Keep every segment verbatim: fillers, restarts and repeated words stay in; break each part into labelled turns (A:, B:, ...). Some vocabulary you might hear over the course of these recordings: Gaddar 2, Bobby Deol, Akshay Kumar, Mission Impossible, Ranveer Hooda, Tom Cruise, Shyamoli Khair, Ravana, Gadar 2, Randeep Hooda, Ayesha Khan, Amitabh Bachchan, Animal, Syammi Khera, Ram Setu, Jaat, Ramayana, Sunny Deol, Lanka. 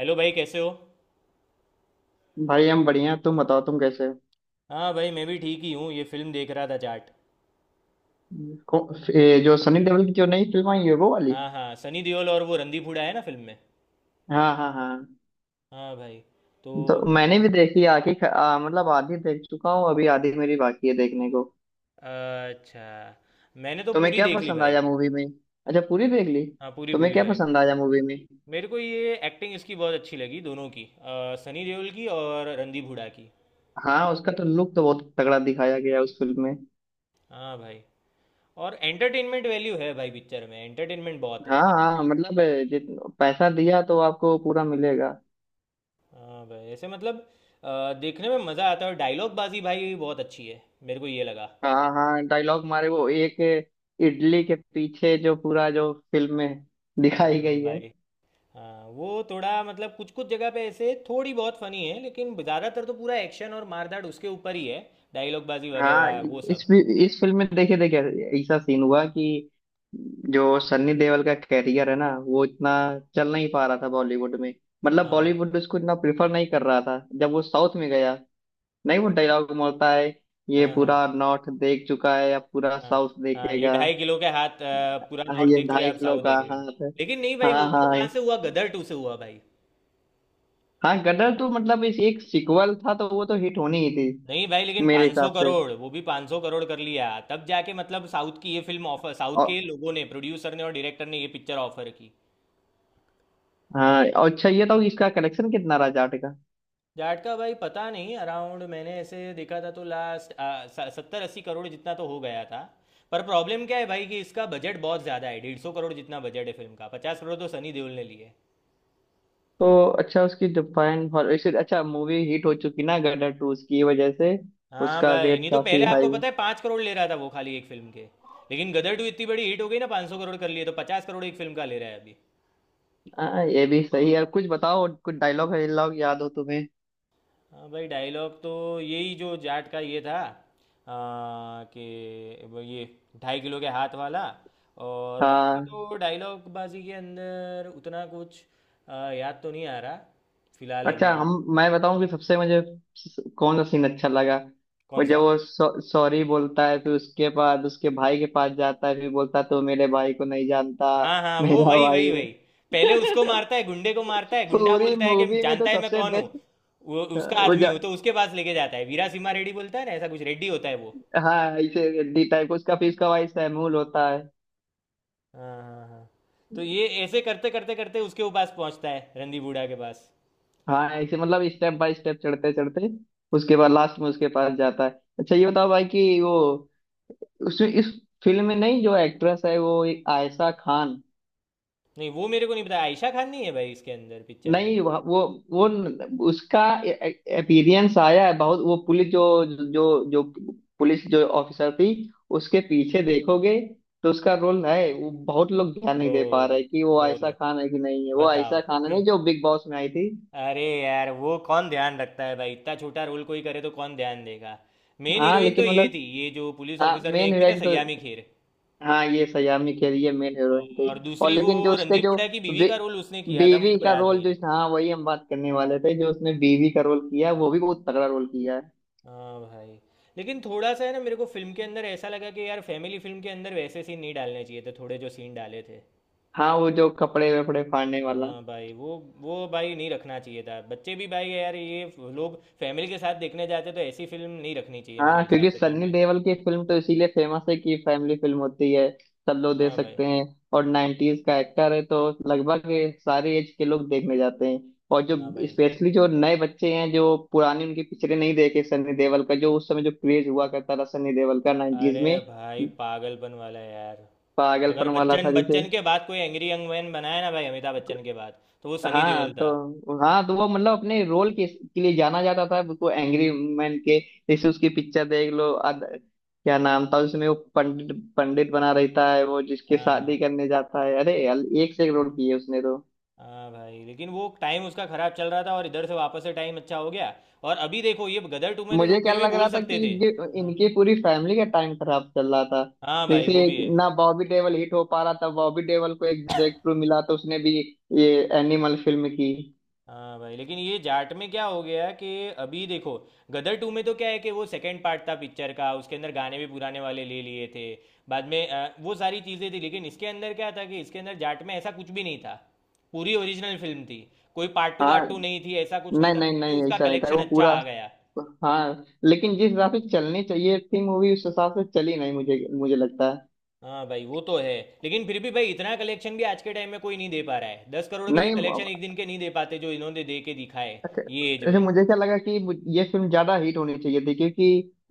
A: Hello भाई, कैसे हो।
B: भाई हम बढ़िया हैं, तुम बताओ तुम कैसे हो।
A: हाँ भाई, मैं भी ठीक ही हूँ, ये फिल्म देख रहा था, जाट।
B: को- ये जो सनी देओल की जो नई फिल्म आई है वो वाली।
A: हाँ हाँ, सनी देओल और वो रणदीप हुड्डा है ना फिल्म में।
B: हाँ हाँ हाँ।
A: हाँ भाई। तो
B: तो मैंने भी देखी आखिर ख- आ, मतलब आधी देख चुका हूँ, अभी आधी मेरी बाकी है देखने को।
A: अच्छा, मैंने तो
B: तुम्हें
A: पूरी
B: क्या
A: देख ली
B: पसंद
A: भाई।
B: आया मूवी में? अच्छा, पूरी देख ली।
A: हाँ, पूरी
B: तुम्हें
A: पूरी
B: क्या
A: भाई।
B: पसंद आया मूवी में?
A: मेरे को ये एक्टिंग इसकी बहुत अच्छी लगी दोनों की, अ, सनी देओल की और रणदीप हुड्डा की।
B: हाँ, उसका तो लुक तो बहुत तगड़ा दिखाया गया है उस फिल्म में।
A: हाँ भाई। और एंटरटेनमेंट वैल्यू है भाई पिक्चर में, एंटरटेनमेंट बहुत
B: हाँ
A: है।
B: हाँ मतलब। जित। पैसा दिया तो आपको पूरा मिलेगा।
A: हाँ भाई ऐसे। मतलब अ, देखने में मज़ा आता है। और डायलॉग बाजी भाई बहुत अच्छी है, मेरे को ये लगा।
B: हाँ हाँ, डायलॉग मारे वो एक इडली के पीछे जो पूरा जो फिल्म में दिखाई
A: हाँ
B: गई है।
A: भाई। हाँ, वो थोड़ा मतलब कुछ कुछ जगह पे ऐसे थोड़ी बहुत फनी है, लेकिन ज़्यादातर तो पूरा एक्शन और मारधाड़ उसके ऊपर ही है। डायलॉग बाजी
B: हाँ।
A: वगैरह वो
B: इस
A: सब।
B: इस फिल्म में देखिए देखिए, ऐसा सीन हुआ कि जो सन्नी देओल का कैरियर है ना, वो इतना चल नहीं पा रहा था बॉलीवुड में। मतलब
A: हाँ
B: बॉलीवुड उसको इतना प्रिफर नहीं कर रहा था, जब वो साउथ में गया। नहीं, वो डायलॉग बोलता है, ये
A: हाँ
B: पूरा
A: हाँ।
B: नॉर्थ देख चुका है अब पूरा
A: हाँ
B: साउथ
A: हाँ, ये
B: देखेगा।
A: ढाई किलो के हाथ, अ, पूरा
B: हाँ,
A: नॉर्थ
B: ये
A: देख चुका है
B: ढाई
A: अब
B: किलो
A: साउथ
B: का
A: देखेगा।
B: हाथ है।
A: लेकिन नहीं
B: हाँ
A: भाई, वो
B: हाँ
A: तो
B: हाँ।
A: कहाँ से हुआ, गदर टू से हुआ भाई।
B: हाँ, गदर तो मतलब इस एक सिक्वल था, तो वो तो हिट होनी ही थी,
A: नहीं भाई, लेकिन
B: मेरे
A: पाँच सौ
B: हिसाब से।
A: करोड़, वो भी पाँच सौ करोड़ कर लिया तब जाके मतलब साउथ की ये फिल्म ऑफर, साउथ
B: और
A: के लोगों ने, प्रोड्यूसर ने और डायरेक्टर ने ये पिक्चर ऑफर की।
B: हाँ, और अच्छा ये तो, इसका कलेक्शन कितना रहा जाट?
A: जाट का भाई पता नहीं, अराउंड मैंने ऐसे देखा था तो लास्ट सत्तर अस्सी करोड़ जितना तो हो गया था। पर प्रॉब्लम क्या है भाई कि इसका बजट बहुत ज़्यादा है, डेढ़ सौ करोड़ जितना बजट है फिल्म का, पचास करोड़ तो सनी देओल ने लिए।
B: तो अच्छा, उसकी जापान हॉल वैसे अच्छा, मूवी हिट हो चुकी ना गदर टू उसकी वजह से।
A: हाँ
B: उसका
A: भाई,
B: रेट
A: नहीं तो
B: काफी
A: पहले आपको
B: हाई।
A: पता है पाँच करोड़ ले रहा था वो, खाली एक फिल्म के। लेकिन गदर टू इतनी बड़ी हिट हो गई ना, पाँच सौ करोड़ कर लिए, तो पचास करोड़ एक फिल्म का ले रहा है अभी।
B: हाँ हाँ, ये भी सही है। कुछ बताओ, कुछ डायलॉग वायलॉग याद हो तुम्हें?
A: हाँ भाई, डायलॉग तो यही जो जाट का ये था, आ, कि वो ये ढाई किलो के हाथ वाला। और बाकी
B: हाँ
A: तो डायलॉग बाजी के अंदर उतना कुछ आ, याद तो नहीं आ रहा फिलहाल
B: अच्छा
A: अभी
B: हम,
A: के।
B: मैं बताऊं कि सबसे मुझे स- कौन सा सीन अच्छा लगा। वो
A: कौन
B: जब
A: सा?
B: वो सॉ- सॉरी बोलता है, फिर उसके बाद उसके भाई के पास जाता है, फिर बोलता है, तो मेरे भाई को नहीं जानता।
A: हाँ हाँ, वो
B: मेरा
A: वही
B: भाई
A: वही
B: वो,
A: वही पहले उसको मारता है, गुंडे को मारता है, गुंडा
B: पूरी
A: बोलता है कि
B: मूवी में तो
A: जानता है मैं
B: सबसे
A: कौन हूँ,
B: बेस्ट।
A: वो उसका
B: वो
A: आदमी
B: जा,
A: हूँ, तो उसके पास लेके जाता है। वीरा सिम्हा रेड्डी बोलता है ना, ऐसा कुछ रेड्डी होता है वो।
B: हाँ ऐसे हड्डी टाइप उसका, फिर उसका भाई सैमूल होता है।
A: हाँ हाँ हाँ। तो ये ऐसे करते करते करते उसके पास पहुंचता है, रंदी बूढ़ा के पास।
B: हाँ, ऐसे मतलब स्टेप बाय स्टेप चढ़ते चढ़ते, उसके बाद लास्ट में उसके पास जाता है। अच्छा ये बताओ भाई कि वो उस इस फिल्म में, नहीं जो एक्ट्रेस है वो एक आयशा खान।
A: नहीं, वो मेरे को नहीं पता, आयशा खान नहीं है भाई इसके अंदर, पिक्चर में।
B: नहीं वह- वो, वो न- उसका अपीयरेंस आया है बहुत, वो पुलिस जो जो जो पुलिस जो ऑफिसर थी, उसके पीछे देखोगे तो उसका रोल है। वो बहुत लोग ध्यान नहीं दे पा
A: बोलो।
B: रहे कि वो आयशा
A: बोलो।
B: खान है कि नहीं है। वो
A: बताओ।
B: आयशा खान है
A: हम्म।
B: नहीं, जो बिग बॉस में आई थी?
A: अरे यार, वो कौन ध्यान रखता है भाई, इतना छोटा रोल कोई करे तो कौन ध्यान देगा। मेन
B: हाँ
A: हीरोइन तो
B: लेकिन
A: ये
B: मतलब,
A: थी, ये जो पुलिस
B: हाँ
A: ऑफिसर में
B: मेन
A: एक थी ना,
B: हीरोइन तो,
A: सयामी खेर।
B: हाँ ये सयामी खेर ये मेन हीरोइन थी।
A: और
B: और
A: दूसरी वो
B: लेकिन जो उसके
A: रणदीप
B: जो
A: हुड्डा की बीवी
B: बे,
A: का रोल उसने किया था,
B: बीवी
A: मुझे को
B: का
A: याद
B: रोल,
A: नहीं
B: जो
A: है।
B: हाँ वही हम बात करने वाले थे। जो उसने बीवी का रोल किया वो भी बहुत तगड़ा रोल किया है।
A: हाँ भाई, लेकिन थोड़ा सा है ना, मेरे को फिल्म के अंदर ऐसा लगा कि यार फैमिली फिल्म के अंदर वैसे सीन नहीं डालने चाहिए थे, थोड़े जो सीन डाले थे।
B: हाँ, वो जो कपड़े वपड़े फाड़ने वाला।
A: हाँ भाई वो वो भाई नहीं रखना चाहिए था, बच्चे भी भाई, यार ये लोग फैमिली के साथ देखने जाते, तो ऐसी फिल्म नहीं रखनी चाहिए मेरे
B: हाँ,
A: हिसाब
B: क्योंकि
A: से फिल्म
B: सन्नी
A: में।
B: देओल की फिल्म तो इसीलिए फेमस है कि फैमिली फिल्म होती है, सब लोग देख
A: हाँ भाई।
B: सकते हैं। और नाइंटीज़ का एक्टर है, तो लगभग ये सारे एज के लोग देखने जाते हैं। और जो
A: हाँ भाई।
B: स्पेशली जो नए बच्चे हैं, जो पुरानी उनकी पिक्चरें नहीं देखे सन्नी देओल का, जो उस समय जो क्रेज हुआ करता था सन्नी देओल का नाइंटीज़
A: अरे
B: में,
A: भाई, पागलपन वाला यार। अगर
B: पागलपन वाला था
A: बच्चन,
B: जिसे।
A: बच्चन के बाद कोई एंग्री यंग मैन बनाया ना भाई, अमिताभ बच्चन के बाद, तो वो सनी
B: हाँ
A: देओल था।
B: तो हाँ तो वो मतलब अपने रोल के, के लिए जाना जाता था, उसको एंग्री मैन के, जैसे उसकी पिक्चर देख लो, अद, क्या नाम था उसमें? वो पंडित पंडित बना रहता है, वो जिसके
A: हाँ हाँ।
B: शादी करने जाता है। अरे यार, एक से एक रोल किए उसने तो।
A: हाँ भाई, लेकिन वो टाइम उसका खराब चल रहा था, और इधर से वापस से टाइम अच्छा हो गया। और अभी देखो ये गदर टू में तो
B: मुझे
A: लोग
B: क्या
A: फिर भी
B: लग
A: बोल
B: रहा था
A: सकते
B: कि
A: थे।
B: इनके,
A: हम्म।
B: इनके पूरी फैमिली का टाइम खराब चल रहा था।
A: हाँ भाई
B: जैसे
A: वो भी
B: एक-
A: है।
B: ना बॉबी देओल हिट हो पा रहा था, बॉबी देओल को एक ब्रेक थ्रू मिला, तो उसने भी ये एनिमल फिल्म की।
A: हाँ भाई, लेकिन ये जाट में क्या हो गया कि, अभी देखो, गदर टू में तो क्या है कि वो सेकंड पार्ट था पिक्चर का, उसके अंदर गाने भी पुराने वाले ले लिए थे बाद में, अ, वो सारी चीज़ें थी। लेकिन इसके अंदर क्या था कि इसके अंदर जाट में ऐसा कुछ भी नहीं था, पूरी ओरिजिनल फिल्म थी, कोई पार्ट टू वार्ट
B: हाँ,
A: टू नहीं थी, ऐसा कुछ नहीं
B: नहीं
A: था,
B: नहीं
A: फिर भी
B: नहीं,
A: उसका
B: ऐसा नहीं था
A: कलेक्शन
B: वो
A: अच्छा
B: पूरा।
A: आ गया।
B: हाँ लेकिन जिस हिसाब से चलनी चाहिए थी मूवी, उस हिसाब से चली नहीं, मुझे मुझे लगता है।
A: हाँ भाई वो तो है, लेकिन फिर भी भाई इतना कलेक्शन भी आज के टाइम में कोई नहीं दे पा रहा है। दस करोड़ के भी
B: नहीं,
A: कलेक्शन एक दिन के नहीं दे पाते, जो इन्होंने दे के दिखाए
B: अच्छा
A: ये एज
B: अच्छा,
A: में।
B: मुझे क्या लगा कि मु- ये फिल्म ज्यादा हिट होनी चाहिए थी, क्योंकि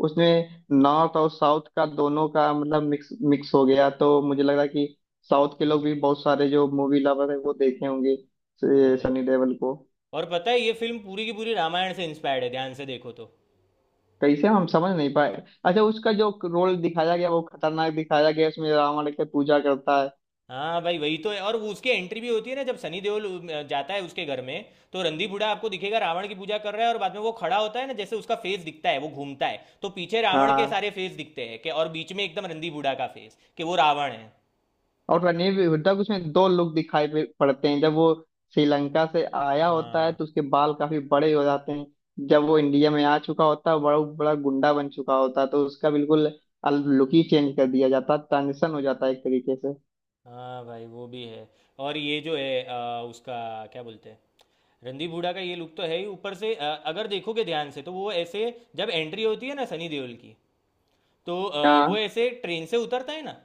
B: उसमें नॉर्थ और साउथ का दोनों का मतलब मिक्स मिक्स हो गया, तो मुझे लग रहा है कि साउथ के लोग भी बहुत सारे जो मूवी लवर है वो देखे होंगे
A: हाँ
B: स-
A: भाई।
B: सनी देओल को।
A: और पता है ये फिल्म पूरी की पूरी रामायण से इंस्पायर्ड है, ध्यान से देखो तो।
B: कैसे हम समझ नहीं पाए? अच्छा, उसका जो रोल दिखाया गया वो खतरनाक दिखाया गया उसमें, रावण के पूजा करता है।
A: हाँ भाई वही तो है। और वो उसकी एंट्री भी होती है ना, जब सनी देओल अ, जाता है उसके घर में, तो रंदी बूढ़ा आपको दिखेगा, रावण की पूजा कर रहा है। और बाद में वो खड़ा होता है ना, जैसे उसका फेस दिखता है, वो घूमता है तो पीछे रावण के
B: हाँ,
A: सारे फेस दिखते हैं, कि और बीच में एकदम रंदी बूढ़ा का फेस, कि वो रावण है।
B: और रणवीर हुड्डा को उसमें दो लुक दिखाई पे- पड़ते हैं। जब वो श्रीलंका से आया होता है
A: हाँ।
B: तो उसके बाल काफी बड़े हो जाते हैं, जब वो इंडिया में आ चुका होता है, बड़ा बड़ा गुंडा बन चुका होता है, तो उसका बिल्कुल लुक ही चेंज कर दिया जाता है, ट्रांजिशन हो जाता है एक तरीके से।
A: हाँ भाई वो भी है। और ये जो है अ, उसका क्या बोलते हैं, रणदीप हुड्डा का ये लुक तो है ही, ऊपर से अ, अगर देखोगे ध्यान से, तो वो ऐसे, जब एंट्री होती है ना सनी देओल की, तो अ, वो
B: हाँ,
A: ऐसे ट्रेन से उतरता है ना।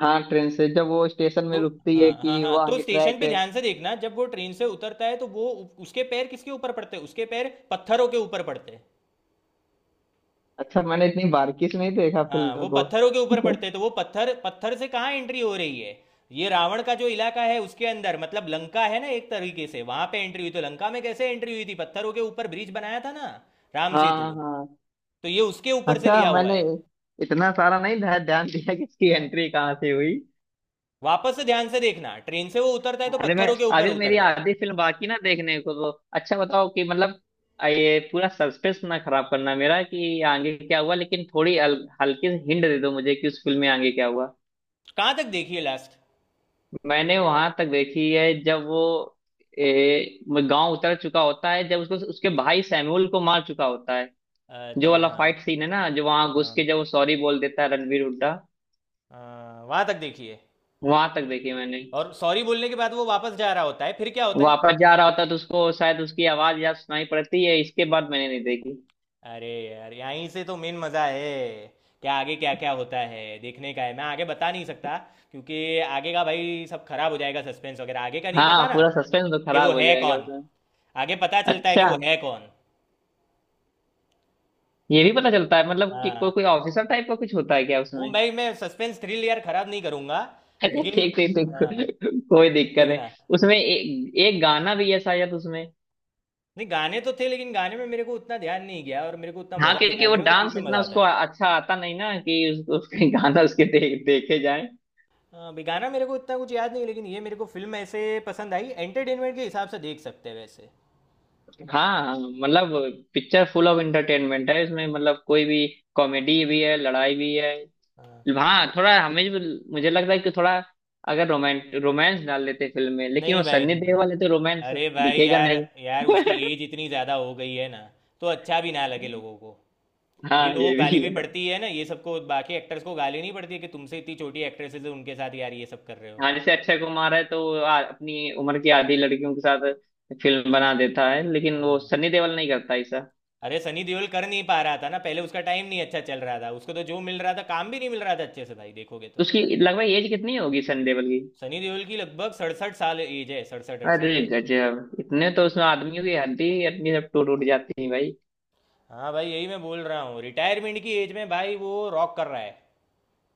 B: हाँ ट्रेन से जब वो स्टेशन में
A: तो
B: रुकती है
A: हाँ हाँ
B: कि वो
A: हाँ, तो
B: आगे
A: स्टेशन
B: ट्रैक
A: पे
B: है।
A: ध्यान से देखना, जब वो ट्रेन से उतरता है, तो वो उ- उसके पैर किसके ऊपर पड़ते हैं, उसके पैर पत्थरों के ऊपर पड़ते हैं।
B: अच्छा, मैंने इतनी बारीकी से नहीं देखा
A: हाँ,
B: फिल्म
A: वो
B: को।
A: पत्थरों के ऊपर पड़ते हैं, तो वो पत्थर, पत्थर से कहाँ एंट्री हो रही है, ये रावण का जो इलाका है उसके अंदर, मतलब लंका है ना एक तरीके से, वहां पे एंट्री हुई। तो लंका में कैसे एंट्री हुई थी, पत्थरों के ऊपर ब्रिज बनाया था ना, राम
B: हाँ
A: सेतु।
B: हाँ हाँ।
A: तो ये उसके ऊपर से
B: अच्छा,
A: लिया हुआ
B: मैंने
A: है।
B: इतना सारा नहीं ध्या- ध्यान दिया कि इसकी एंट्री कहाँ से हुई।
A: वापस से ध्यान से देखना, ट्रेन से वो उतरता है तो
B: अरे मैं,
A: पत्थरों के ऊपर
B: आदिल मेरी
A: उतरता है।
B: आधी फिल्म बाकी ना देखने को तो। अच्छा बताओ कि मतलब आ, ये पूरा सस्पेंस ना खराब करना मेरा कि आगे क्या हुआ, लेकिन थोड़ी अल, हल्की सी हिंट दे दो मुझे कि उस फिल्म में आगे क्या हुआ।
A: कहाँ तक देखिए, लास्ट?
B: मैंने वहां तक देखी है जब वो ए, गांव उतर चुका होता है, जब उसको उसके भाई सैमुअल को मार चुका होता है। जो
A: अच्छा
B: वाला
A: हाँ।
B: फाइट सीन है ना, जो वहां घुस
A: हाँ,
B: के जब वो सॉरी बोल देता है रणवीर हुड्डा।
A: हाँ वहाँ तक देखिए।
B: वहां तक देखी मैंने।
A: और सॉरी बोलने के बाद वो वापस जा रहा होता है, फिर क्या होता है?
B: वापस जा रहा होता तो उसको शायद उसकी आवाज या सुनाई पड़ती है, इसके बाद मैंने नहीं देखी।
A: अरे यार, यहीं से तो मेन मज़ा है। क्या आगे क्या क्या होता है, देखने का है। मैं आगे बता नहीं सकता, क्योंकि आगे का भाई सब खराब हो जाएगा सस्पेंस वगैरह, आगे का नहीं
B: हाँ,
A: पता ना,
B: पूरा सस्पेंस तो
A: कि
B: खराब
A: वो
B: हो
A: है
B: जाएगा
A: कौन।
B: उसमें।
A: आगे पता चलता है कि
B: अच्छा
A: वो है कौन।
B: ये भी पता चलता है मतलब कि को,
A: हाँ,
B: कोई ऑफिसर टाइप का कुछ होता है क्या उसमें?
A: मुंबई में सस्पेंस थ्रिल यार खराब नहीं करूंगा।
B: अच्छा
A: लेकिन
B: ठीक ठीक ठीक,
A: हाँ,
B: को, कोई दिक्कत है।
A: देखना।
B: उसमें एक एक गाना भी है शायद उसमें।
A: नहीं, गाने तो थे, लेकिन गाने में मेरे को उतना ध्यान नहीं गया, और मेरे को उतना
B: हाँ,
A: मजा भी नहीं
B: क्योंकि
A: आया।
B: वो
A: मेरे को तो फिल्म
B: डांस
A: में
B: इतना
A: मजा आता
B: उसको
A: है।
B: अच्छा आता नहीं ना कि उस, उसके गाना उसके दे, देखे जाए।
A: हाँ भी गाना मेरे को इतना कुछ याद नहीं, लेकिन ये मेरे को फिल्म ऐसे पसंद आई, एंटरटेनमेंट के हिसाब से देख सकते हैं वैसे।
B: हाँ मतलब, पिक्चर फुल ऑफ एंटरटेनमेंट है इसमें, मतलब कोई भी। कॉमेडी भी है, लड़ाई भी है।
A: हाँ।
B: हाँ, थोड़ा हमें भी- मुझे लगता है कि थोड़ा, अगर रोमांट रोमांस डाल लेते फिल्म में, लेकिन
A: नहीं
B: वो
A: भाई
B: सन्नी
A: नहीं
B: देओल
A: भाई
B: वाले तो रोमांस
A: अरे भाई
B: दिखेगा
A: यार,
B: नहीं।
A: यार उसकी एज इतनी ज़्यादा हो गई है ना, तो अच्छा भी ना लगे लोगों को। अभी
B: हाँ
A: लोगों को
B: ये भी
A: गाली भी
B: है।
A: पड़ती है ना ये सबको, बाकी एक्टर्स को गाली नहीं पड़ती है कि तुमसे इतनी छोटी एक्ट्रेसेस है, उनके साथ यार ये सब कर रहे हो।
B: हाँ, जैसे अक्षय कुमार है, तो वो आ, अपनी उम्र की आधी लड़कियों के साथ फिल्म बना देता है, लेकिन वो
A: हाँ।
B: सन्नी देओल नहीं करता ऐसा।
A: अरे सनी देओल कर नहीं पा रहा था ना पहले, उसका टाइम नहीं अच्छा चल रहा था, उसको तो जो मिल रहा था काम भी नहीं मिल रहा था अच्छे से भाई, देखोगे
B: तो
A: तो।
B: उसकी लगभग एज कितनी होगी सन्नी देओल की?
A: सनी देओल की लगभग सड़सठ साल एज है, सड़सठ
B: अरे
A: अड़सठ भाई।
B: गजब, इतने तो उसमें आदमियों की हड्डी हड्डी सब टूट उठ जाती है भाई।
A: हाँ भाई, यही मैं बोल रहा हूँ, रिटायरमेंट की एज में भाई वो रॉक कर रहा है।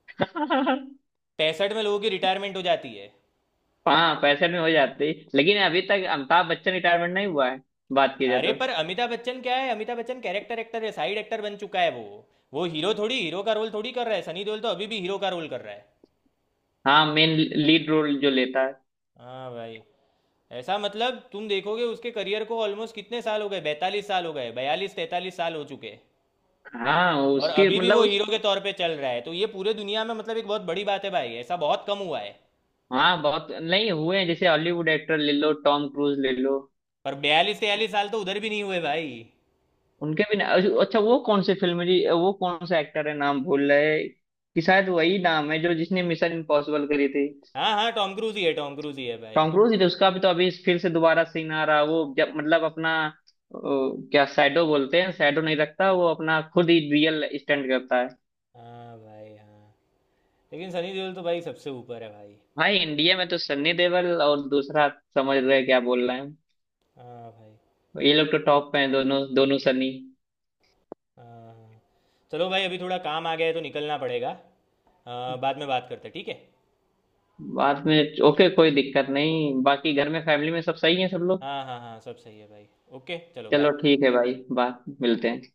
A: पैंसठ में लोगों की रिटायरमेंट हो जाती है।
B: हाँ, पैसे में हो जाती, लेकिन अभी तक अमिताभ बच्चन रिटायरमेंट नहीं हुआ है, बात की जाए
A: अरे
B: तो।
A: पर अमिताभ बच्चन क्या है, अमिताभ बच्चन कैरेक्टर एक्टर है, साइड एक्टर बन चुका है वो वो हीरो थोड़ी, हीरो का रोल थोड़ी कर रहा है। सनी देओल तो अभी भी हीरो का रोल कर रहा है।
B: हाँ, मेन लीड रोल जो लेता है।
A: हाँ भाई। ऐसा मतलब तुम देखोगे उसके करियर को, ऑलमोस्ट कितने साल हो गए, बैतालीस साल हो गए, बयालीस तैतालीस साल हो चुके।
B: हाँ,
A: और
B: उसकी
A: अभी भी
B: मतलब
A: वो
B: उस,
A: हीरो के तौर पे चल रहा है, तो ये पूरे दुनिया में मतलब एक बहुत बड़ी बात है भाई, ऐसा बहुत कम हुआ है।
B: हाँ बहुत नहीं हुए हैं, जैसे हॉलीवुड एक्टर ले लो, टॉम क्रूज ले लो।
A: पर बयालीस तैयालीस साल तो उधर भी नहीं हुए भाई।
B: उनके भी ना-, अच्छा वो कौन से फिल्म है जी? वो कौन सा एक्टर है, नाम भूल रहे हैं, कि शायद वही नाम है जो जिसने मिशन इम्पॉसिबल करी थी।
A: हाँ हाँ, टॉम क्रूज ही है, टॉम क्रूज ही है भाई।
B: टॉम क्रूज ही तो, उसका भी तो अभी फिर से दोबारा सीन आ रहा है, वो जब मतलब अपना अ, क्या शैडो बोलते हैं, शैडो नहीं रखता वो, अपना खुद ही रियल स्टंट करता है।
A: हाँ भाई। हाँ, लेकिन सनी देओल तो भाई सबसे ऊपर है भाई।
B: भाई इंडिया में तो सन्नी देओल और दूसरा, समझ रहे हैं क्या बोल रहे हैं?
A: हाँ भाई।
B: ये लोग तो टॉप पे हैं दोनों, दोनों सनी।
A: हाँ हाँ। चलो भाई, अभी थोड़ा काम आ गया है तो निकलना पड़ेगा। आ, बाद में बात करते हैं, ठीक है।
B: बाद में ओके कोई दिक्कत नहीं, बाकी घर में फैमिली में सब सही है सब लोग?
A: हाँ हाँ हाँ, सब सही है भाई। ओके चलो,
B: चलो
A: बाय।
B: ठीक है भाई, बात मिलते हैं।